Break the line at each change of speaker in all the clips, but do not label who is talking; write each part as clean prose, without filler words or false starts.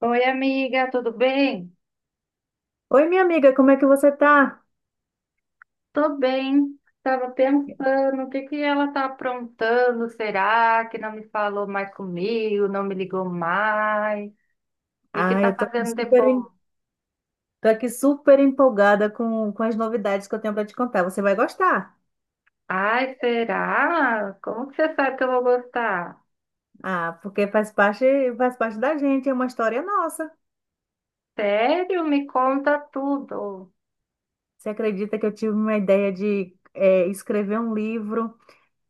Oi, amiga, tudo bem?
Oi, minha amiga, como é que você tá?
Tô bem. Tava pensando, o que ela tá aprontando? Será que não me falou mais comigo, não me ligou mais? O que
Ah,
tá
eu tô aqui
fazendo de
super,
bom?
tô aqui super empolgada com as novidades que eu tenho para te contar. Você vai gostar.
Ai, será? Como que você sabe que eu vou gostar?
Ah, porque faz parte da gente, é uma história nossa.
Sério? Me conta tudo.
Você acredita que eu tive uma ideia de escrever um livro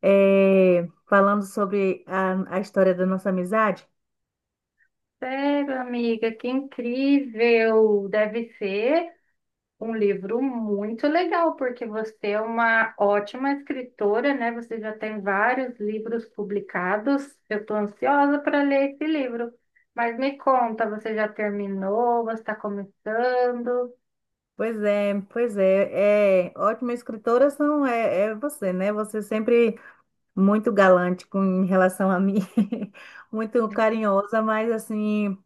falando sobre a história da nossa amizade?
Sério, amiga, que incrível. Deve ser. Um livro muito legal, porque você é uma ótima escritora, né? Você já tem vários livros publicados. Eu estou ansiosa para ler esse livro. Mas me conta, você já terminou? Você está começando?
Pois é, é ótima escritora são é, é você, né? Você sempre muito galante com em relação a mim, muito carinhosa, mas assim,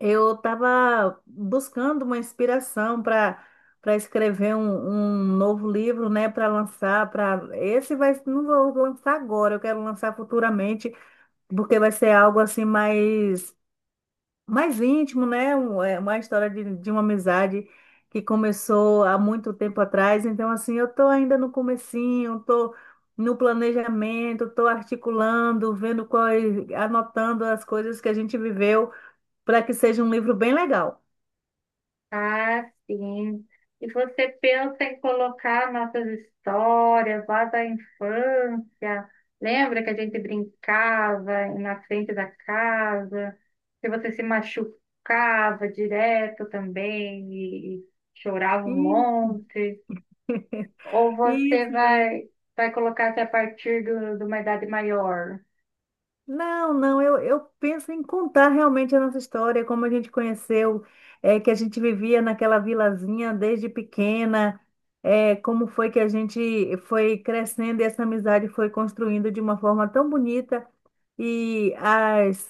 eu estava buscando uma inspiração para para escrever um novo livro, né, para lançar, para esse vai não vou lançar agora, eu quero lançar futuramente, porque vai ser algo assim mais mais íntimo, né? Uma história de uma amizade que começou há muito tempo atrás. Então, assim, eu estou ainda no comecinho, estou no planejamento, estou articulando, vendo quais, anotando as coisas que a gente viveu para que seja um livro bem legal.
Ah, sim. E você pensa em colocar nossas histórias lá da infância. Lembra que a gente brincava na frente da casa, que você se machucava direto também e chorava um
E-
monte? Ou você
Isso.
vai, vai colocar até a partir de uma idade maior?
Não, não, eu penso em contar realmente a nossa história, como a gente conheceu, é, que a gente vivia naquela vilazinha desde pequena, é, como foi que a gente foi crescendo e essa amizade foi construindo de uma forma tão bonita e as,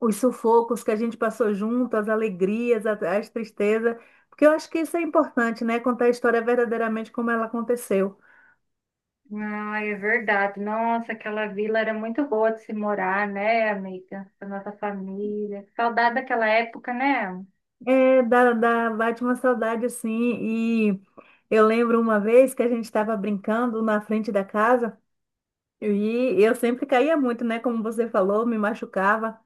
os sufocos que a gente passou junto, as alegrias, as tristezas, porque eu acho que isso é importante, né? Contar a história verdadeiramente como ela aconteceu.
Ah, é verdade. Nossa, aquela vila era muito boa de se morar, né, amiga? Com a nossa família. Saudade daquela época, né?
É, dá, dá, bate uma saudade assim. E eu lembro uma vez que a gente estava brincando na frente da casa e eu sempre caía muito, né? Como você falou, me machucava.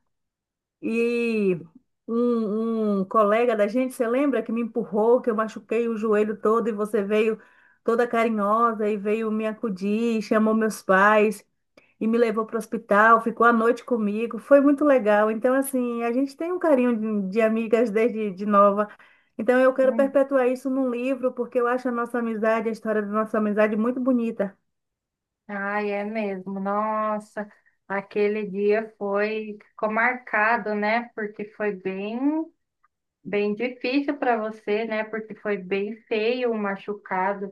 E um colega da gente, você lembra que me empurrou, que eu machuquei o joelho todo e você veio toda carinhosa e veio me acudir, chamou meus pais e me levou para o hospital, ficou a noite comigo, foi muito legal. Então, assim, a gente tem um carinho de amigas desde de nova. Então, eu quero
Hum.
perpetuar isso num livro, porque eu acho a nossa amizade, a história da nossa amizade muito bonita.
Ai, é mesmo. Nossa, aquele dia foi, ficou marcado, né? Porque bem difícil para você, né? Porque foi bem feio o machucado,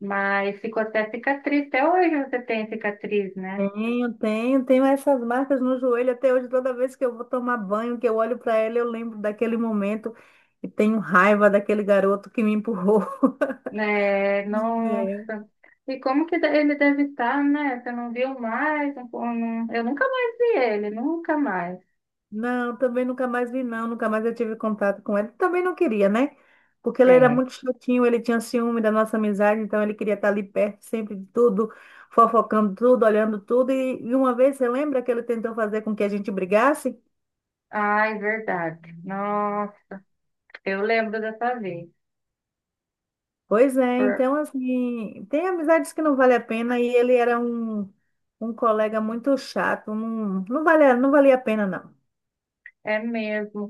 mas ficou até cicatriz. Até hoje você tem cicatriz, né?
Tenho, tenho, tenho essas marcas no joelho até hoje. Toda vez que eu vou tomar banho, que eu olho para ela, eu lembro daquele momento e tenho raiva daquele garoto que me empurrou.
É, não. E como que ele deve estar, né? Você não viu mais? Eu nunca mais vi ele, nunca mais.
Não, também nunca mais vi, não. Nunca mais eu tive contato com ele. Também não queria, né? Porque ele era
É.
muito chatinho, ele tinha ciúme da nossa amizade, então ele queria estar ali perto sempre de tudo, fofocando tudo, olhando tudo. E, uma vez, você lembra que ele tentou fazer com que a gente brigasse?
Ai, verdade. Nossa, eu lembro dessa vez.
Pois é,
Por-
então, assim, tem amizades que não vale a pena e ele era um, um colega muito chato, não, não valia, não valia a pena,
É mesmo.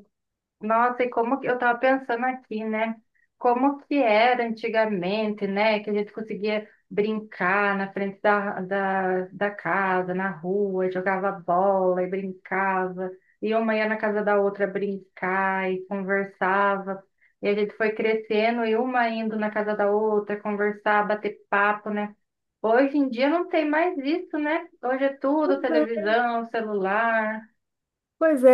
Nossa, e como que eu estava pensando aqui, né? Como que era antigamente, né? Que a gente conseguia brincar na frente da casa, na rua, jogava bola e brincava, e uma ia na casa da outra brincar e conversava. E a gente foi crescendo e uma indo na casa da outra conversar, bater papo, né? Hoje em dia não tem mais isso, né? Hoje é tudo
não.
televisão, celular,
Pois é,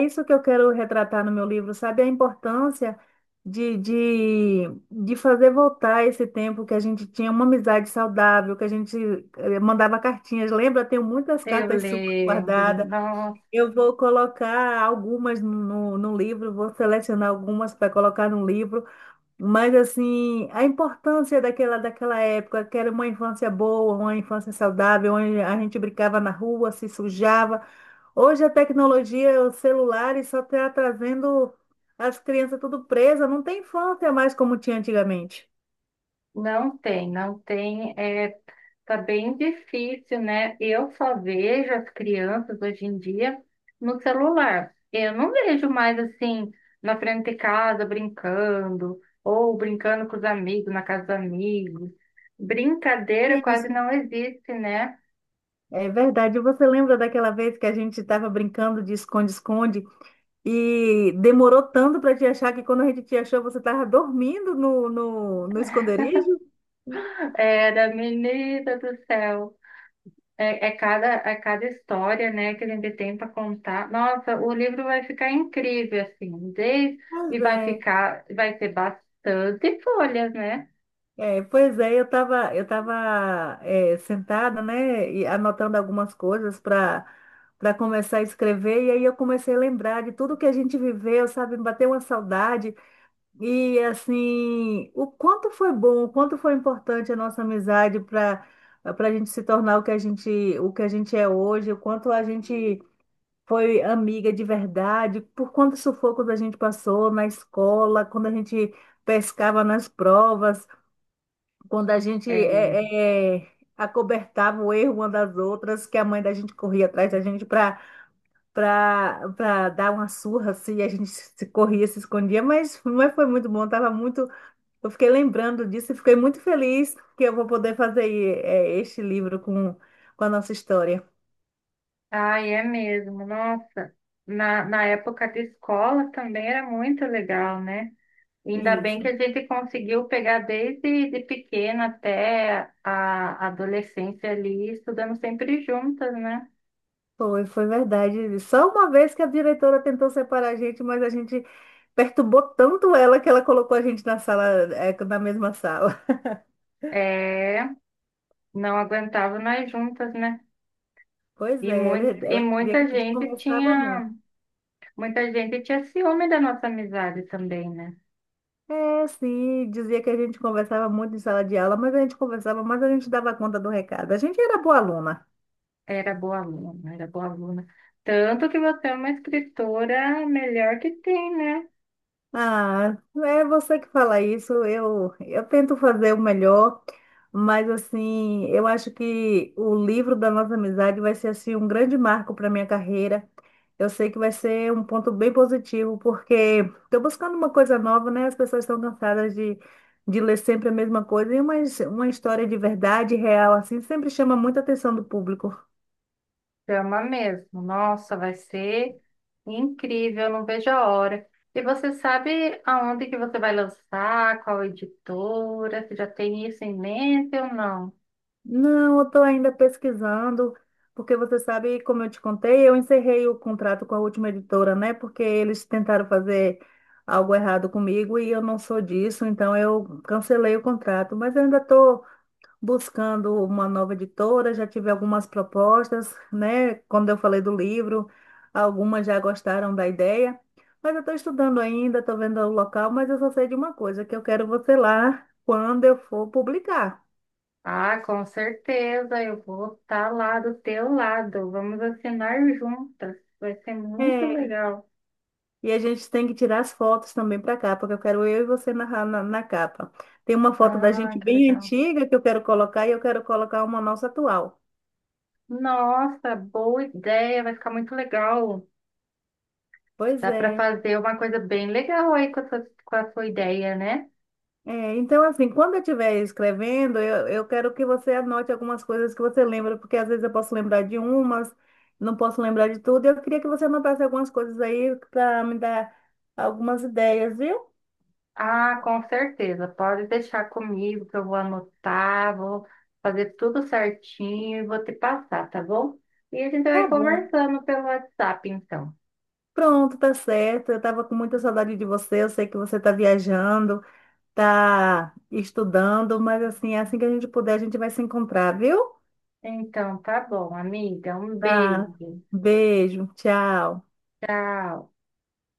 é isso que eu quero retratar no meu livro, sabe? A importância de, de, de fazer voltar esse tempo que a gente tinha uma amizade saudável, que a gente mandava cartinhas. Lembra? Tenho muitas cartas suas
tele.
guardadas.
Nossa.
Eu vou colocar algumas no livro, vou selecionar algumas para colocar no livro. Mas assim, a importância daquela, daquela época, que era uma infância boa, uma infância saudável, onde a gente brincava na rua, se sujava. Hoje a tecnologia, os celulares só está trazendo as crianças tudo presas, não tem infância mais como tinha antigamente.
Não tem, não tem. É, tá bem difícil, né? Eu só vejo as crianças hoje em dia no celular. Eu não vejo mais assim na frente de casa brincando, ou brincando com os amigos, na casa dos amigos. Brincadeira quase
Isso.
não existe, né?
É verdade. Você lembra daquela vez que a gente estava brincando de esconde-esconde e demorou tanto para te achar que quando a gente te achou, você estava dormindo no esconderijo?
Era menina do céu. É cada história, né, que a gente tem para contar. Nossa, o livro vai ficar incrível, assim, desde, e
Pois
vai
é.
ficar, vai ter bastante folhas, né?
É, pois é, eu tava sentada, né, e anotando algumas coisas para para começar a escrever, e aí eu comecei a lembrar de tudo que a gente viveu, sabe, me bateu uma saudade, e assim, o quanto foi bom, o quanto foi importante a nossa amizade para para a gente se tornar o que a gente, o que a gente é hoje, o quanto a gente foi amiga de verdade, por quantos sufocos a gente passou na escola, quando a gente pescava nas provas. Quando a gente
É.
acobertava o erro uma das outras, que a mãe da gente corria atrás da gente para para dar uma surra, assim, e a gente se corria, se escondia, mas foi muito bom, tava muito, eu fiquei lembrando disso e fiquei muito feliz que eu vou poder fazer este livro com a nossa história.
Ai, é mesmo, nossa. Na época de escola também era muito legal, né? Ainda bem que
Isso,
a gente conseguiu pegar desde de pequena até a adolescência ali, estudando sempre juntas, né?
foi, foi verdade. Só uma vez que a diretora tentou separar a gente, mas a gente perturbou tanto ela que ela colocou a gente na sala, é, na mesma sala.
É, não aguentava nós juntas, né?
Pois
E,
é, ela,
muito,
ela dizia que a gente conversava muito.
muita gente tinha ciúme da nossa amizade também, né?
É, sim, dizia que a gente conversava muito em sala de aula, mas a gente conversava, mas a gente dava conta do recado. A gente era boa aluna.
Era boa aluna, era boa aluna. Tanto que você é uma escritora melhor que tem, né?
Ah, é você que fala isso. Eu tento fazer o melhor, mas assim, eu acho que o livro da nossa amizade vai ser assim um grande marco para minha carreira. Eu sei que vai ser um ponto bem positivo, porque estou buscando uma coisa nova, né? As pessoas estão cansadas de ler sempre a mesma coisa, e uma história de verdade, real, assim, sempre chama muita atenção do público.
Chama mesmo. Nossa, vai ser incrível, eu não vejo a hora. E você sabe aonde que você vai lançar, qual editora? Você já tem isso em mente ou não?
Não, eu estou ainda pesquisando, porque você sabe, como eu te contei, eu encerrei o contrato com a última editora, né? Porque eles tentaram fazer algo errado comigo e eu não sou disso, então eu cancelei o contrato. Mas eu ainda estou buscando uma nova editora, já tive algumas propostas, né? Quando eu falei do livro, algumas já gostaram da ideia, mas eu estou estudando ainda, estou vendo o local, mas eu só sei de uma coisa, que eu quero você lá quando eu for publicar.
Ah, com certeza, eu vou estar lá do teu lado. Vamos assinar juntas. Vai ser muito legal.
E a gente tem que tirar as fotos também para cá, porque eu quero eu e você na capa. Tem uma foto da
Ah,
gente
que
bem
legal.
antiga que eu quero colocar e eu quero colocar uma nossa atual.
Nossa, boa ideia, vai ficar muito legal.
Pois
Dá para
é.
fazer uma coisa bem legal aí com a sua ideia, né?
É, então, assim, quando eu estiver escrevendo, eu quero que você anote algumas coisas que você lembra, porque às vezes eu posso lembrar de umas, não posso lembrar de tudo. Eu queria que você anotasse algumas coisas aí para me dar algumas ideias, viu?
Ah, com certeza. Pode deixar comigo que eu vou anotar, vou fazer tudo certinho e vou te passar, tá bom? E a gente
Tá
vai
bom.
conversando pelo WhatsApp, então.
Pronto, tá certo. Eu estava com muita saudade de você, eu sei que você está viajando. Tá estudando, mas assim, assim que a gente puder, a gente vai se encontrar, viu?
Então, tá bom, amiga. Um
Tá.
beijo.
Beijo, tchau.
Tchau.